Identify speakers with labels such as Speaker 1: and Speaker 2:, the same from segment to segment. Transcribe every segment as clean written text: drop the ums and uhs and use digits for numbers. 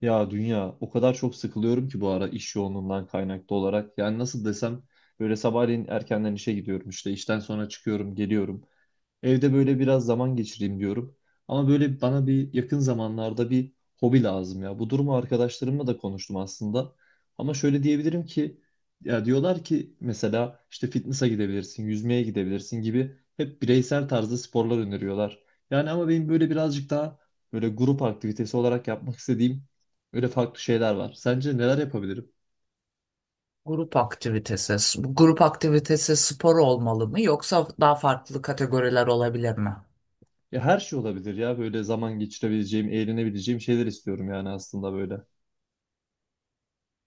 Speaker 1: Ya dünya o kadar çok sıkılıyorum ki bu ara iş yoğunluğundan kaynaklı olarak. Yani nasıl desem böyle sabahleyin erkenden işe gidiyorum, işte işten sonra çıkıyorum geliyorum. Evde böyle biraz zaman geçireyim diyorum. Ama böyle bana bir yakın zamanlarda bir hobi lazım ya. Bu durumu arkadaşlarımla da konuştum aslında. Ama şöyle diyebilirim ki ya diyorlar ki mesela işte fitness'a gidebilirsin, yüzmeye gidebilirsin gibi hep bireysel tarzda sporlar öneriyorlar. Yani ama benim böyle birazcık daha böyle grup aktivitesi olarak yapmak istediğim böyle farklı şeyler var. Sence neler yapabilirim?
Speaker 2: Grup aktivitesi. Bu grup aktivitesi spor olmalı mı yoksa daha farklı kategoriler olabilir mi?
Speaker 1: Ya her şey olabilir ya, böyle zaman geçirebileceğim, eğlenebileceğim şeyler istiyorum yani aslında böyle.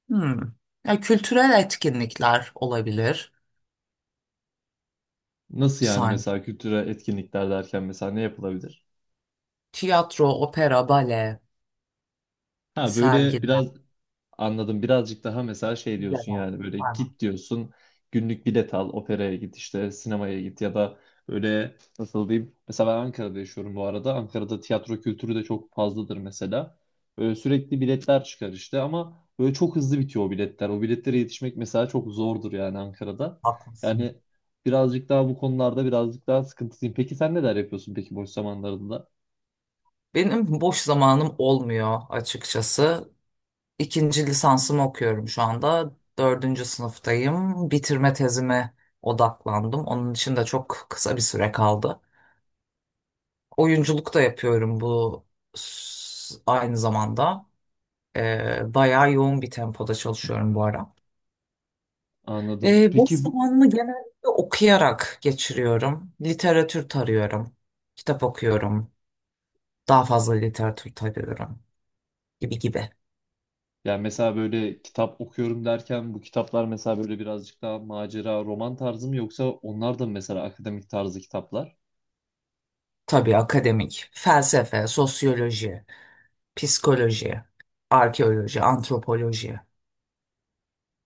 Speaker 2: Hmm. Ya, kültürel etkinlikler olabilir
Speaker 1: Nasıl yani,
Speaker 2: sanki.
Speaker 1: mesela kültürel etkinlikler derken mesela ne yapılabilir?
Speaker 2: Tiyatro, opera, bale,
Speaker 1: Ha böyle
Speaker 2: sergiler,
Speaker 1: biraz anladım, birazcık daha mesela şey diyorsun
Speaker 2: müzeler.
Speaker 1: yani, böyle
Speaker 2: Aynen,
Speaker 1: git diyorsun günlük bilet al, operaya git, işte sinemaya git ya da böyle nasıl diyeyim, mesela ben Ankara'da yaşıyorum bu arada, Ankara'da tiyatro kültürü de çok fazladır mesela. Böyle sürekli biletler çıkar işte, ama böyle çok hızlı bitiyor o biletler, o biletlere yetişmek mesela çok zordur yani Ankara'da.
Speaker 2: haklısın.
Speaker 1: Yani birazcık daha bu konularda birazcık daha sıkıntılıyım. Peki sen neler yapıyorsun peki boş zamanlarında?
Speaker 2: Benim boş zamanım olmuyor açıkçası. İkinci lisansımı okuyorum şu anda. Dördüncü sınıftayım. Bitirme tezime odaklandım. Onun için de çok kısa bir süre kaldı. Oyunculuk da yapıyorum bu aynı zamanda. Bayağı yoğun bir tempoda çalışıyorum bu ara.
Speaker 1: Anladım.
Speaker 2: Boş
Speaker 1: Peki bu,
Speaker 2: zamanımı genellikle okuyarak geçiriyorum. Literatür tarıyorum. Kitap okuyorum. Daha fazla literatür tarıyorum gibi gibi.
Speaker 1: yani mesela böyle kitap okuyorum derken, bu kitaplar mesela böyle birazcık daha macera, roman tarzı mı, yoksa onlar da mı mesela akademik tarzı kitaplar?
Speaker 2: Tabii akademik, felsefe, sosyoloji, psikoloji, arkeoloji, antropoloji.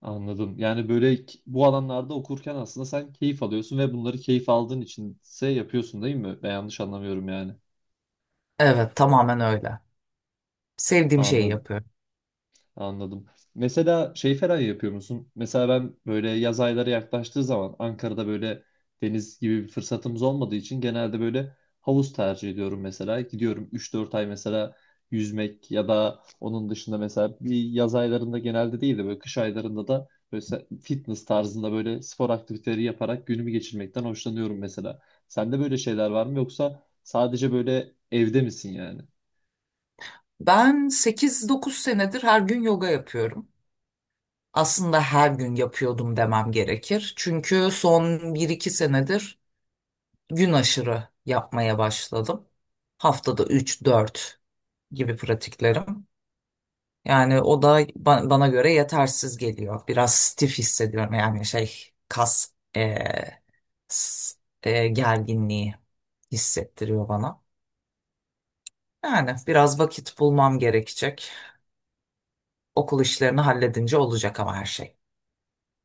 Speaker 1: Anladım. Yani böyle bu alanlarda okurken aslında sen keyif alıyorsun ve bunları keyif aldığın içinse yapıyorsun değil mi? Ben yanlış anlamıyorum yani.
Speaker 2: Evet, tamamen öyle. Sevdiğim şeyi
Speaker 1: Anladım.
Speaker 2: yapıyorum.
Speaker 1: Anladım. Mesela şey falan yapıyor musun? Mesela ben böyle yaz ayları yaklaştığı zaman Ankara'da böyle deniz gibi bir fırsatımız olmadığı için genelde böyle havuz tercih ediyorum mesela. Gidiyorum 3-4 ay mesela yüzmek, ya da onun dışında mesela bir yaz aylarında genelde değil de böyle kış aylarında da böyle fitness tarzında böyle spor aktiviteleri yaparak günümü geçirmekten hoşlanıyorum mesela. Sende böyle şeyler var mı, yoksa sadece böyle evde misin yani?
Speaker 2: Ben 8-9 senedir her gün yoga yapıyorum. Aslında her gün yapıyordum demem gerekir. Çünkü son 1-2 senedir gün aşırı yapmaya başladım. Haftada 3-4 gibi pratiklerim. Yani o da bana göre yetersiz geliyor. Biraz stif hissediyorum, yani şey, kas s- gerginliği hissettiriyor bana. Yani biraz vakit bulmam gerekecek. Okul işlerini halledince olacak ama her şey.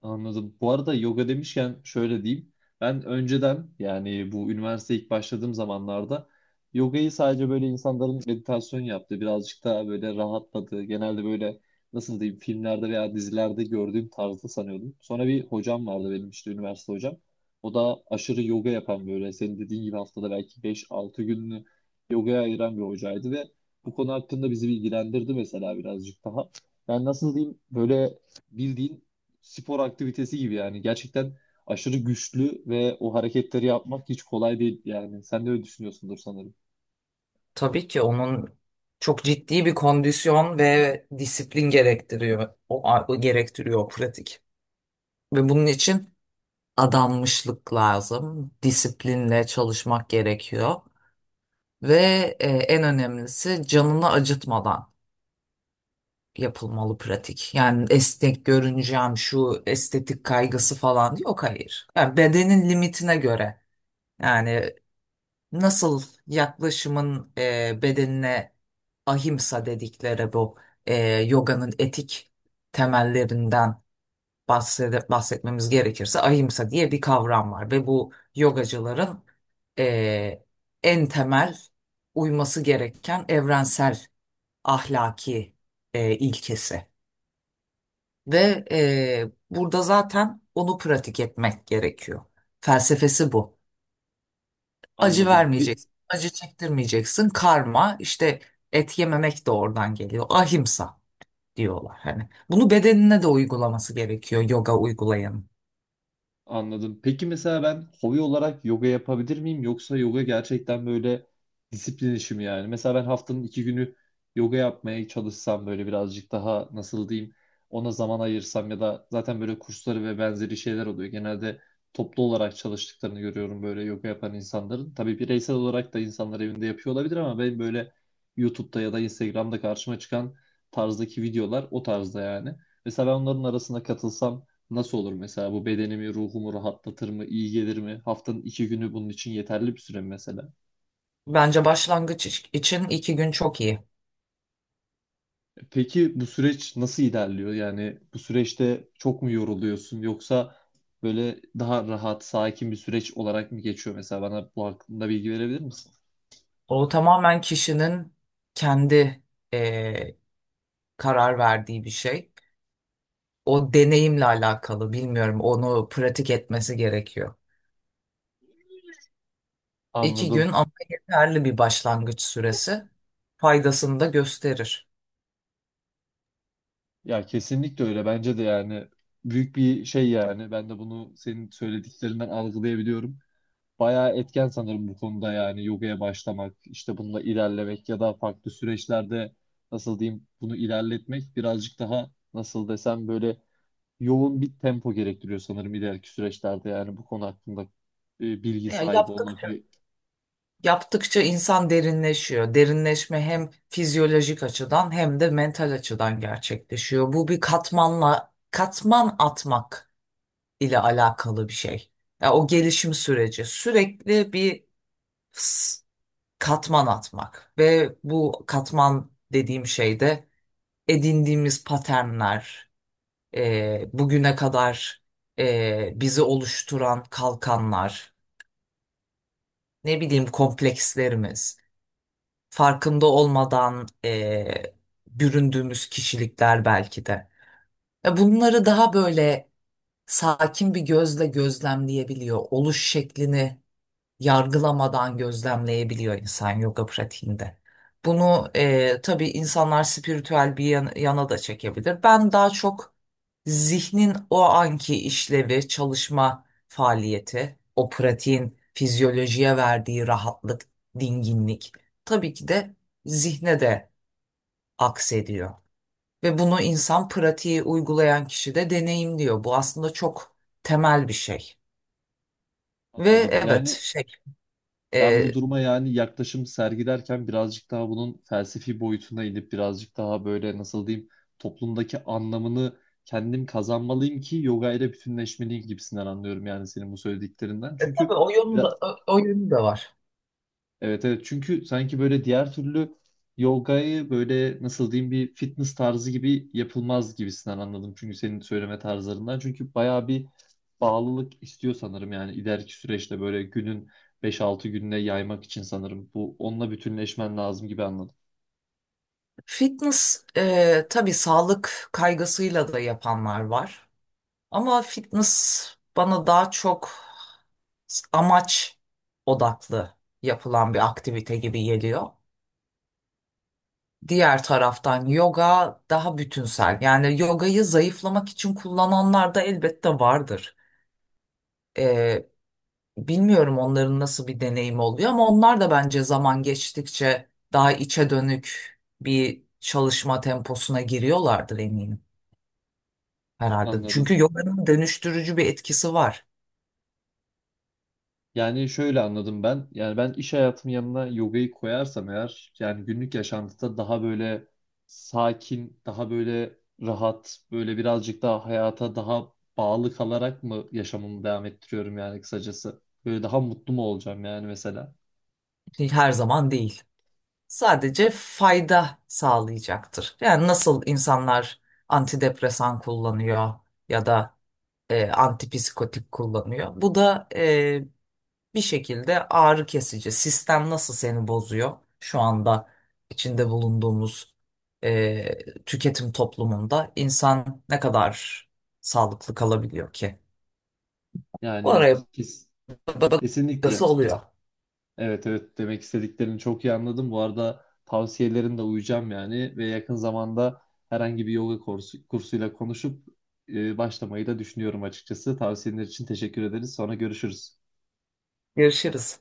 Speaker 1: Anladım. Bu arada yoga demişken şöyle diyeyim. Ben önceden, yani bu üniversiteye ilk başladığım zamanlarda, yogayı sadece böyle insanların meditasyon yaptığı, birazcık daha böyle rahatladığı, genelde böyle nasıl diyeyim, filmlerde veya dizilerde gördüğüm tarzda sanıyordum. Sonra bir hocam vardı benim, işte üniversite hocam. O da aşırı yoga yapan, böyle senin dediğin gibi haftada belki 5-6 gününü yogaya ayıran bir hocaydı ve bu konu hakkında bizi bilgilendirdi mesela birazcık daha. Yani nasıl diyeyim, böyle bildiğin spor aktivitesi gibi yani. Gerçekten aşırı güçlü ve o hareketleri yapmak hiç kolay değil yani. Sen de öyle düşünüyorsundur sanırım.
Speaker 2: Tabii ki onun çok ciddi bir kondisyon ve disiplin gerektiriyor. O gerektiriyor o pratik. Ve bunun için adanmışlık lazım. Disiplinle çalışmak gerekiyor. Ve en önemlisi canını acıtmadan yapılmalı pratik. Yani esnek görüneceğim şu estetik kaygısı falan yok, hayır. Yani bedenin limitine göre. Yani nasıl yaklaşımın bedenine, ahimsa dedikleri bu e, yoganın etik temellerinden bahsetmemiz gerekirse, ahimsa diye bir kavram var ve bu yogacıların e, en temel uyması gereken evrensel ahlaki ilkesi ve burada zaten onu pratik etmek gerekiyor. Felsefesi bu. Acı
Speaker 1: Anladım.
Speaker 2: vermeyeceksin. Acı çektirmeyeceksin. Karma işte, et yememek de oradan geliyor. Ahimsa diyorlar hani. Bunu bedenine de uygulaması gerekiyor yoga uygulayanın.
Speaker 1: Anladım. Peki mesela ben hobi olarak yoga yapabilir miyim? Yoksa yoga gerçekten böyle disiplin işi mi yani? Mesela ben haftanın 2 günü yoga yapmaya çalışsam, böyle birazcık daha nasıl diyeyim, ona zaman ayırsam, ya da zaten böyle kursları ve benzeri şeyler oluyor. Genelde toplu olarak çalıştıklarını görüyorum böyle yoga yapan insanların. Tabii bireysel olarak da insanlar evinde yapıyor olabilir, ama ben böyle YouTube'da ya da Instagram'da karşıma çıkan tarzdaki videolar o tarzda yani. Mesela ben onların arasına katılsam nasıl olur mesela, bu bedenimi, ruhumu rahatlatır mı, iyi gelir mi? Haftanın 2 günü bunun için yeterli bir süre mi mesela?
Speaker 2: Bence başlangıç için 2 gün çok iyi.
Speaker 1: E peki bu süreç nasıl ilerliyor? Yani bu süreçte çok mu yoruluyorsun, yoksa böyle daha rahat, sakin bir süreç olarak mı geçiyor mesela? Bana bu hakkında bilgi verebilir misin?
Speaker 2: O tamamen kişinin kendi eee, karar verdiği bir şey. O deneyimle alakalı bilmiyorum, onu pratik etmesi gerekiyor. İki
Speaker 1: Anladım.
Speaker 2: gün ama yeterli bir başlangıç süresi, faydasını da gösterir.
Speaker 1: Ya kesinlikle öyle. Bence de yani büyük bir şey yani. Ben de bunu senin söylediklerinden algılayabiliyorum. Bayağı etken sanırım bu konuda, yani yogaya başlamak, işte bununla ilerlemek ya da farklı süreçlerde nasıl diyeyim bunu ilerletmek, birazcık daha nasıl desem, böyle yoğun bir tempo gerektiriyor sanırım ileriki süreçlerde, yani bu konu hakkında bilgi
Speaker 2: Ya,
Speaker 1: sahibi
Speaker 2: yaptık
Speaker 1: olmak.
Speaker 2: Yaptıkça insan derinleşiyor. Derinleşme hem fizyolojik açıdan hem de mental açıdan gerçekleşiyor. Bu bir katmanla katman atmak ile alakalı bir şey. Ya, o gelişim süreci sürekli bir s- katman atmak ve bu katman dediğim şey de edindiğimiz paternler, bugüne kadar bizi oluşturan kalkanlar, ne bileyim komplekslerimiz. Farkında olmadan büründüğümüz kişilikler belki de. Ve bunları daha böyle sakin bir gözle gözlemleyebiliyor. Oluş şeklini yargılamadan gözlemleyebiliyor insan yoga pratiğinde. Bunu tabii insanlar spiritüel bir yana da çekebilir. Ben daha çok zihnin o anki işlevi, çalışma faaliyeti, o pratiğin fizyolojiye verdiği rahatlık, dinginlik tabii ki de zihne de aksediyor. Ve bunu insan, pratiği uygulayan kişi de deneyimliyor. Bu aslında çok temel bir şey. Ve
Speaker 1: Anladım.
Speaker 2: evet.
Speaker 1: Yani ben
Speaker 2: E,
Speaker 1: bu duruma yani yaklaşım sergilerken, birazcık daha bunun felsefi boyutuna inip, birazcık daha böyle nasıl diyeyim, toplumdaki anlamını kendim kazanmalıyım ki yoga ile bütünleşmeliyim gibisinden anlıyorum yani senin bu söylediklerinden.
Speaker 2: Tabii
Speaker 1: Çünkü
Speaker 2: o yönü de,
Speaker 1: biraz-
Speaker 2: o yönü de var.
Speaker 1: evet evet, çünkü sanki böyle diğer türlü yogayı böyle nasıl diyeyim, bir fitness tarzı gibi yapılmaz gibisinden anladım. Çünkü senin söyleme tarzlarından. Çünkü bayağı bir bağlılık istiyor sanırım, yani ileriki süreçte böyle günün 5-6 gününe yaymak için sanırım. Bu, onunla bütünleşmen lazım gibi anladım.
Speaker 2: Fitness tabii sağlık kaygısıyla da yapanlar var. Ama fitness bana daha çok amaç odaklı yapılan bir aktivite gibi geliyor. Diğer taraftan yoga daha bütünsel. Yani yogayı zayıflamak için kullananlar da elbette vardır. E, Bilmiyorum onların nasıl bir deneyim oluyor ama onlar da bence zaman geçtikçe daha içe dönük bir çalışma temposuna giriyorlardır, eminim herhalde.
Speaker 1: Anladım.
Speaker 2: Çünkü yoganın dönüştürücü bir etkisi var.
Speaker 1: Yani şöyle anladım ben. Yani ben iş hayatımın yanına yogayı koyarsam eğer, yani günlük yaşantıda daha böyle sakin, daha böyle rahat, böyle birazcık daha hayata daha bağlı kalarak mı yaşamımı devam ettiriyorum yani kısacası? Böyle daha mutlu mu olacağım yani mesela?
Speaker 2: Her zaman değil. Sadece fayda sağlayacaktır. Yani nasıl insanlar antidepresan kullanıyor ya da antipsikotik kullanıyor. Bu da bir şekilde ağrı kesici. Sistem nasıl seni bozuyor? Şu anda içinde bulunduğumuz tüketim toplumunda insan ne kadar sağlıklı kalabiliyor ki?
Speaker 1: Yani
Speaker 2: Oraya bakası
Speaker 1: kesinlikle.
Speaker 2: oluyor.
Speaker 1: Evet evet, demek istediklerini çok iyi anladım. Bu arada tavsiyelerine de uyacağım yani, ve yakın zamanda herhangi bir yoga kursu, kursuyla konuşup başlamayı da düşünüyorum açıkçası. Tavsiyeler için teşekkür ederiz. Sonra görüşürüz.
Speaker 2: Görüşürüz.